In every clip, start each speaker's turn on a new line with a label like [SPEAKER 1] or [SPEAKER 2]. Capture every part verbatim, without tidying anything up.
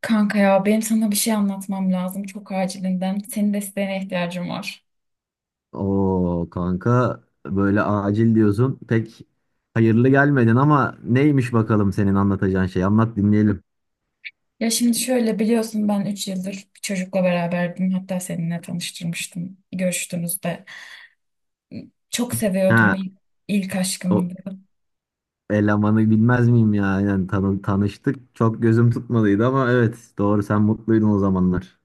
[SPEAKER 1] Kanka ya benim sana bir şey anlatmam lazım çok acilinden. Senin desteğine ihtiyacım var.
[SPEAKER 2] Oo kanka böyle acil diyorsun. Pek hayırlı gelmedin ama neymiş bakalım senin anlatacağın şey? Anlat dinleyelim.
[SPEAKER 1] Ya şimdi şöyle biliyorsun ben üç yıldır bir çocukla beraberdim. Hatta seninle tanıştırmıştım görüştüğünüzde. Çok seviyordum
[SPEAKER 2] Ha,
[SPEAKER 1] il- ilk
[SPEAKER 2] o
[SPEAKER 1] aşkımdı.
[SPEAKER 2] elemanı bilmez miyim ya? Aynen tanı tanıştık. Çok gözüm tutmadıydı ama evet, doğru, sen mutluydun o zamanlar.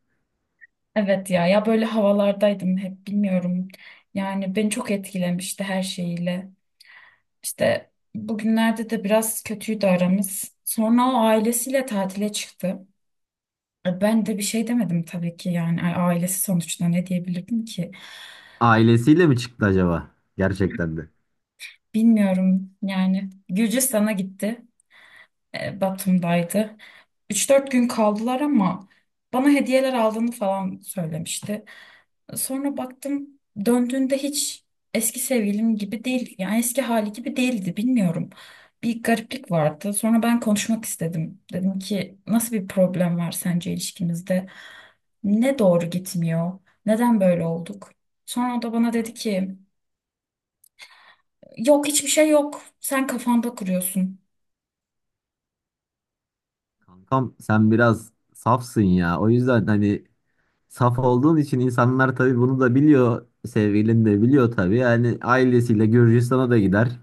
[SPEAKER 1] Evet ya ya böyle havalardaydım hep bilmiyorum. Yani beni çok etkilemişti her şeyiyle. İşte bugünlerde de biraz kötüydü aramız. Sonra o ailesiyle tatile çıktı. E, Ben de bir şey demedim tabii ki yani A- ailesi sonuçta ne diyebilirdim ki?
[SPEAKER 2] Ailesiyle mi çıktı acaba? Gerçekten de.
[SPEAKER 1] Bilmiyorum yani Gürcistan'a gitti. E, Batum'daydı. Üç dört gün kaldılar ama bana hediyeler aldığını falan söylemişti. Sonra baktım döndüğünde hiç eski sevgilim gibi değil. Yani eski hali gibi değildi bilmiyorum. Bir gariplik vardı. Sonra ben konuşmak istedim. Dedim ki nasıl bir problem var sence ilişkinizde? Ne doğru gitmiyor? Neden böyle olduk? Sonra o da bana dedi ki yok hiçbir şey yok. Sen kafanda kuruyorsun.
[SPEAKER 2] Kankam sen biraz safsın ya. O yüzden hani saf olduğun için insanlar tabii bunu da biliyor. Sevgilin de biliyor tabii. Yani ailesiyle Gürcistan'a da gider.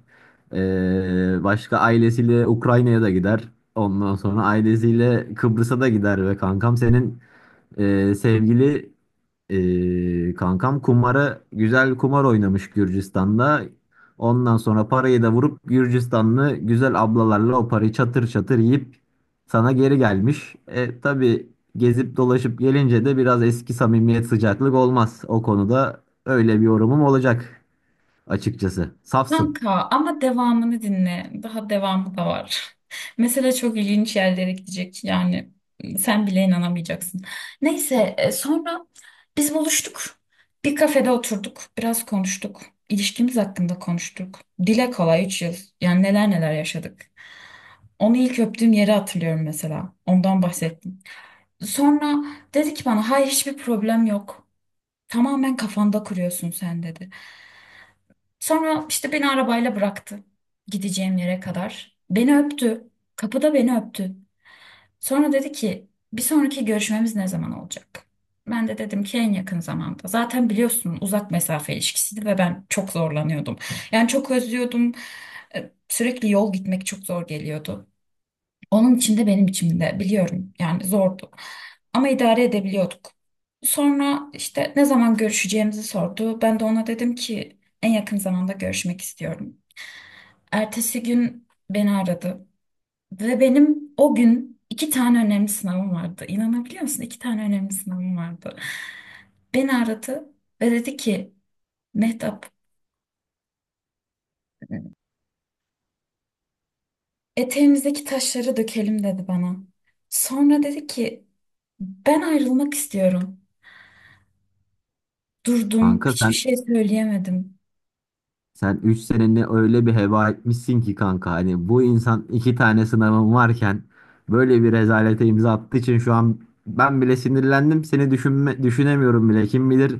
[SPEAKER 2] Ee, başka ailesiyle Ukrayna'ya da gider. Ondan sonra ailesiyle Kıbrıs'a da gider ve kankam senin e, sevgili ee, kankam kumara güzel kumar oynamış Gürcistan'da. Ondan sonra parayı da vurup Gürcistanlı güzel ablalarla o parayı çatır çatır yiyip sana geri gelmiş. E, tabii gezip dolaşıp gelince de biraz eski samimiyet sıcaklık olmaz. O konuda öyle bir yorumum olacak açıkçası. Safsın
[SPEAKER 1] Kanka ama devamını dinle. Daha devamı da var. Mesela çok ilginç yerlere gidecek. Yani sen bile inanamayacaksın. Neyse e, sonra biz buluştuk. Bir kafede oturduk. Biraz konuştuk. İlişkimiz hakkında konuştuk. Dile kolay üç yıl. Yani neler neler yaşadık. Onu ilk öptüğüm yeri hatırlıyorum mesela. Ondan bahsettim. Sonra dedi ki bana hayır hiçbir problem yok. Tamamen kafanda kuruyorsun sen dedi. Sonra işte beni arabayla bıraktı gideceğim yere kadar. Beni öptü. Kapıda beni öptü. Sonra dedi ki bir sonraki görüşmemiz ne zaman olacak? Ben de dedim ki en yakın zamanda. Zaten biliyorsun uzak mesafe ilişkisiydi ve ben çok zorlanıyordum. Yani çok özlüyordum. Ee, Sürekli yol gitmek çok zor geliyordu. Onun için de benim için de biliyorum yani zordu. Ama idare edebiliyorduk. Sonra işte ne zaman görüşeceğimizi sordu. Ben de ona dedim ki en yakın zamanda görüşmek istiyorum. Ertesi gün beni aradı ve benim o gün iki tane önemli sınavım vardı. İnanabiliyor musun? İki tane önemli sınavım vardı. Beni aradı ve dedi ki Mehtap eteğimizdeki taşları dökelim dedi bana. Sonra dedi ki ben ayrılmak istiyorum. Durdum,
[SPEAKER 2] kanka sen.
[SPEAKER 1] hiçbir şey söyleyemedim.
[SPEAKER 2] Sen üç seneni öyle bir heba etmişsin ki kanka, hani bu insan iki tane sınavım varken böyle bir rezalete imza attığı için şu an ben bile sinirlendim. Seni düşünme, düşünemiyorum bile, kim bilir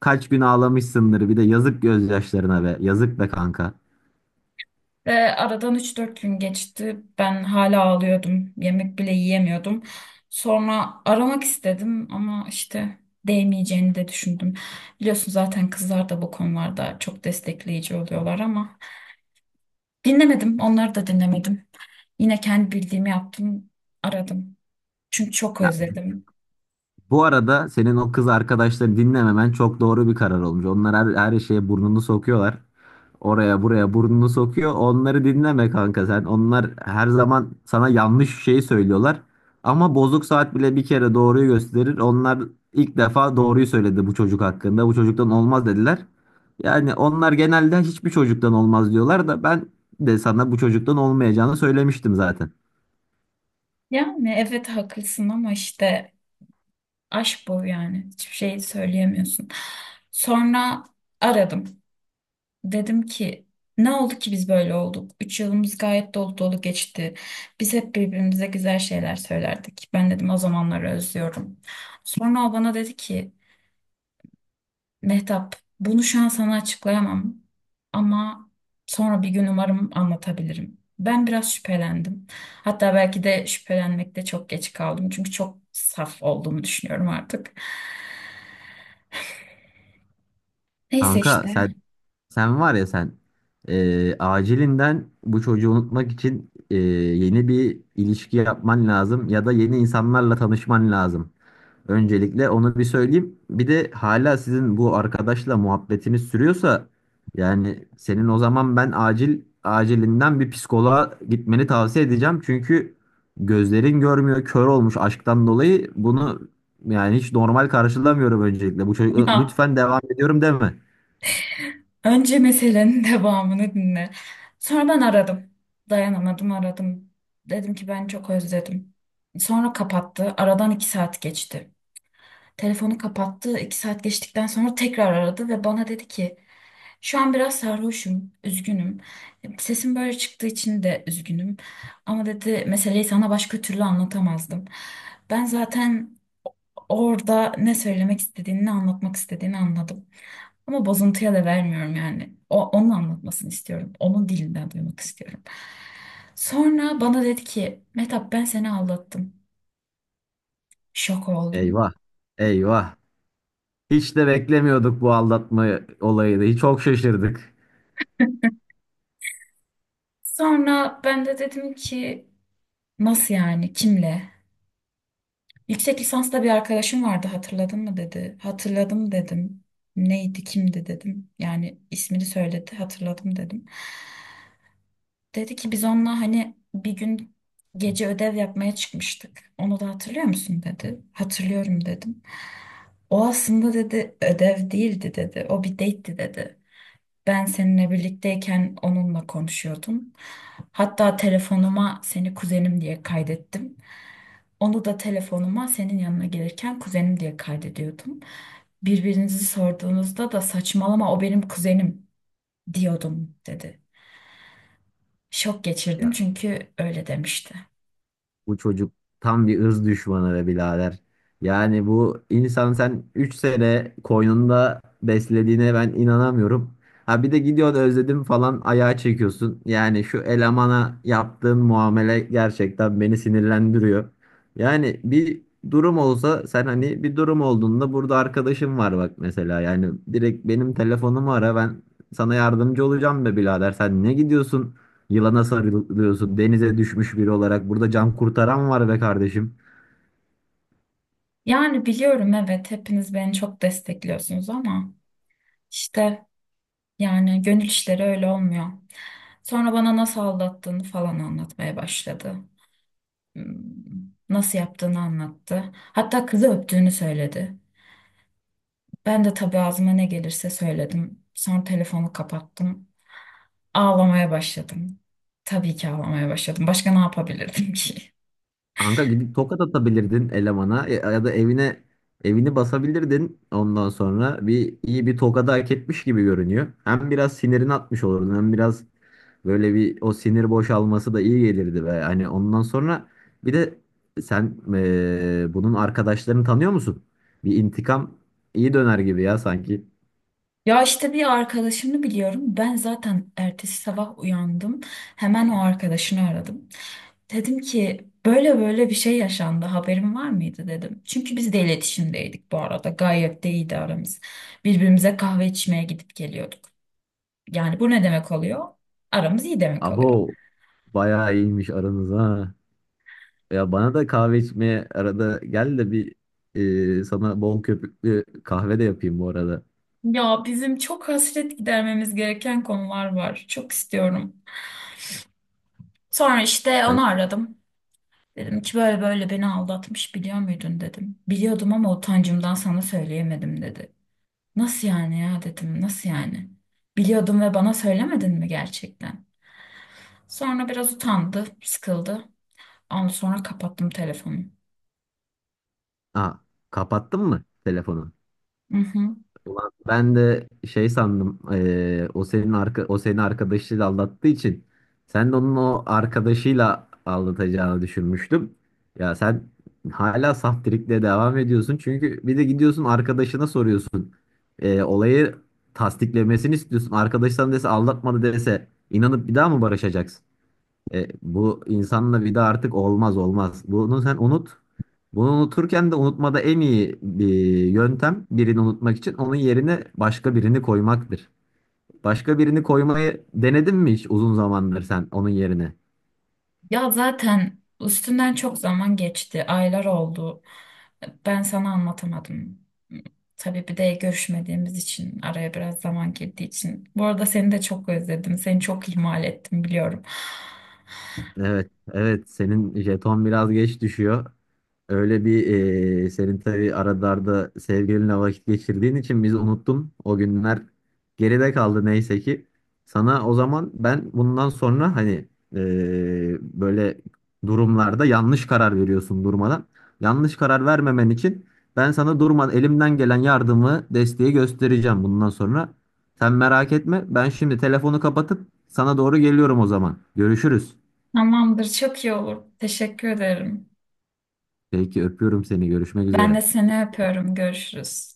[SPEAKER 2] kaç gün ağlamışsındır. Bir de yazık gözyaşlarına, be yazık be kanka.
[SPEAKER 1] Ve aradan üç dört gün geçti. Ben hala ağlıyordum. Yemek bile yiyemiyordum. Sonra aramak istedim ama işte değmeyeceğini de düşündüm. Biliyorsun zaten kızlar da bu konularda çok destekleyici oluyorlar ama dinlemedim. Onları da dinlemedim. Yine kendi bildiğimi yaptım, aradım. Çünkü çok
[SPEAKER 2] Ya,
[SPEAKER 1] özledim.
[SPEAKER 2] bu arada senin o kız arkadaşları dinlememen çok doğru bir karar olmuş. Onlar her, her şeye burnunu sokuyorlar. Oraya buraya burnunu sokuyor. Onları dinleme kanka sen. Onlar her zaman sana yanlış şeyi söylüyorlar. Ama bozuk saat bile bir kere doğruyu gösterir. Onlar ilk defa doğruyu söyledi bu çocuk hakkında. Bu çocuktan olmaz dediler. Yani onlar genelde hiçbir çocuktan olmaz diyorlar da ben de sana bu çocuktan olmayacağını söylemiştim zaten.
[SPEAKER 1] Yani evet haklısın ama işte aşk bu yani. Hiçbir şey söyleyemiyorsun. Sonra aradım. Dedim ki ne oldu ki biz böyle olduk? Üç yılımız gayet dolu dolu geçti. Biz hep birbirimize güzel şeyler söylerdik. Ben dedim o zamanları özlüyorum. Sonra o bana dedi ki Mehtap bunu şu an sana açıklayamam ama sonra bir gün umarım anlatabilirim. Ben biraz şüphelendim. Hatta belki de şüphelenmekte çok geç kaldım. Çünkü çok saf olduğumu düşünüyorum artık. Neyse
[SPEAKER 2] Kanka sen.
[SPEAKER 1] işte.
[SPEAKER 2] Sen var ya sen, eee, acilinden bu çocuğu unutmak için eee, yeni bir ilişki yapman lazım ya da yeni insanlarla tanışman lazım. Öncelikle onu bir söyleyeyim. Bir de hala sizin bu arkadaşla muhabbetiniz sürüyorsa yani senin o zaman ben acil acilinden bir psikoloğa gitmeni tavsiye edeceğim. Çünkü gözlerin görmüyor, kör olmuş aşktan dolayı. Bunu yani hiç normal karşılamıyorum öncelikle. Bu çocuk lütfen, devam ediyorum deme.
[SPEAKER 1] Önce meselenin devamını dinle. Sonra ben aradım. Dayanamadım aradım. Dedim ki ben çok özledim. Sonra kapattı. Aradan iki saat geçti. Telefonu kapattı. İki saat geçtikten sonra tekrar aradı ve bana dedi ki şu an biraz sarhoşum, üzgünüm. Sesim böyle çıktığı için de üzgünüm. Ama dedi meseleyi sana başka türlü anlatamazdım. Ben zaten orada ne söylemek istediğini, ne anlatmak istediğini anladım. Ama bozuntuya da vermiyorum yani. O, onun anlatmasını istiyorum. Onun dilinden duymak istiyorum. Sonra bana dedi ki, Mehtap ben seni aldattım. Şok oldum.
[SPEAKER 2] Eyvah. Eyvah. Hiç de beklemiyorduk bu aldatma olayını. Çok şaşırdık.
[SPEAKER 1] Sonra ben de dedim ki, nasıl yani, kimle? Yüksek lisansta bir arkadaşım vardı hatırladın mı dedi. Hatırladım dedim. Neydi, kimdi dedim. Yani ismini söyledi, hatırladım dedim. Dedi ki biz onunla hani bir gün gece ödev yapmaya çıkmıştık. Onu da hatırlıyor musun dedi. Hatırlıyorum dedim. O aslında dedi ödev değildi dedi. O bir date'ti dedi. Ben seninle birlikteyken onunla konuşuyordum. Hatta telefonuma seni kuzenim diye kaydettim. Onu da telefonuma senin yanına gelirken kuzenim diye kaydediyordum. Birbirinizi sorduğunuzda da saçmalama o benim kuzenim diyordum dedi. Şok geçirdim
[SPEAKER 2] Ya,
[SPEAKER 1] çünkü öyle demişti.
[SPEAKER 2] bu çocuk tam bir ırz düşmanı be birader. Yani bu insan, sen üç sene koynunda beslediğine ben inanamıyorum. Ha bir de gidiyorsun özledim falan ayağa çekiyorsun. Yani şu elemana yaptığın muamele gerçekten beni sinirlendiriyor. Yani bir durum olsa sen hani bir durum olduğunda burada arkadaşım var bak mesela. Yani direkt benim telefonumu ara, ben sana yardımcı olacağım be birader. Sen ne gidiyorsun? Yılana sarılıyorsun. Denize düşmüş biri olarak. Burada can kurtaran var be kardeşim.
[SPEAKER 1] Yani biliyorum evet hepiniz beni çok destekliyorsunuz ama işte yani gönül işleri öyle olmuyor. Sonra bana nasıl aldattığını falan anlatmaya başladı. Hmm, Nasıl yaptığını anlattı. Hatta kızı öptüğünü söyledi. Ben de tabii ağzıma ne gelirse söyledim. Sonra telefonu kapattım. Ağlamaya başladım. Tabii ki ağlamaya başladım. Başka ne yapabilirdim ki?
[SPEAKER 2] Kanka, gidip tokat atabilirdin elemana, ya ya da evine evini basabilirdin. Ondan sonra bir iyi bir tokadı hak etmiş gibi görünüyor. Hem biraz sinirini atmış olurdun hem biraz böyle bir o sinir boşalması da iyi gelirdi be. Hani ondan sonra bir de sen, eee, bunun arkadaşlarını tanıyor musun? Bir intikam iyi döner gibi ya sanki.
[SPEAKER 1] Ya işte bir arkadaşımı biliyorum. Ben zaten ertesi sabah uyandım. Hemen o arkadaşını aradım. Dedim ki böyle böyle bir şey yaşandı. Haberin var mıydı dedim. Çünkü biz de iletişimdeydik bu arada. Gayet de iyiydi aramız. Birbirimize kahve içmeye gidip geliyorduk. Yani bu ne demek oluyor? Aramız iyi demek oluyor.
[SPEAKER 2] Abo, bayağı iyiymiş aranız ha. Ya bana da kahve içmeye arada gel de bir e, sana bol köpüklü kahve de yapayım bu arada.
[SPEAKER 1] Ya bizim çok hasret gidermemiz gereken konular var. Çok istiyorum. Sonra işte
[SPEAKER 2] Sen
[SPEAKER 1] onu aradım. Dedim ki böyle böyle beni aldatmış biliyor muydun dedim. Biliyordum ama utancımdan sana söyleyemedim dedi. Nasıl yani ya dedim nasıl yani? Biliyordum ve bana söylemedin mi gerçekten? Sonra biraz utandı, sıkıldı. Ondan sonra kapattım telefonu.
[SPEAKER 2] Aa, kapattın mı telefonu?
[SPEAKER 1] Hı hı.
[SPEAKER 2] Ulan ben de şey sandım, e, o senin arka o senin arkadaşıyla aldattığı için sen de onun o arkadaşıyla aldatacağını düşünmüştüm. Ya sen hala saf trikle devam ediyorsun çünkü bir de gidiyorsun arkadaşına soruyorsun. E, olayı tasdiklemesini istiyorsun. Arkadaştan dese aldatmadı dese inanıp bir daha mı barışacaksın? E, bu insanla vida artık olmaz olmaz. Bunu sen unut. Bunu unuturken de unutmada en iyi bir yöntem, birini unutmak için onun yerine başka birini koymaktır. Başka birini koymayı denedin mi hiç uzun zamandır sen onun yerine?
[SPEAKER 1] Ya zaten üstünden çok zaman geçti, aylar oldu. Ben sana anlatamadım. Tabii bir de görüşmediğimiz için araya biraz zaman girdiği için. Bu arada seni de çok özledim. Seni çok ihmal ettim biliyorum.
[SPEAKER 2] Evet, evet, senin jeton biraz geç düşüyor. Öyle bir eee, senin tabii aralarda sevgilinle vakit geçirdiğin için biz unuttum. O günler geride kaldı neyse ki. Sana o zaman ben bundan sonra hani eee, böyle durumlarda yanlış karar veriyorsun durmadan. Yanlış karar vermemen için ben sana durmadan elimden gelen yardımı, desteği göstereceğim bundan sonra. Sen merak etme. Ben şimdi telefonu kapatıp sana doğru geliyorum o zaman. Görüşürüz.
[SPEAKER 1] Tamamdır, çok iyi olur. Teşekkür ederim.
[SPEAKER 2] Peki, öpüyorum seni. Görüşmek
[SPEAKER 1] Ben de
[SPEAKER 2] üzere.
[SPEAKER 1] seni öpüyorum. Görüşürüz.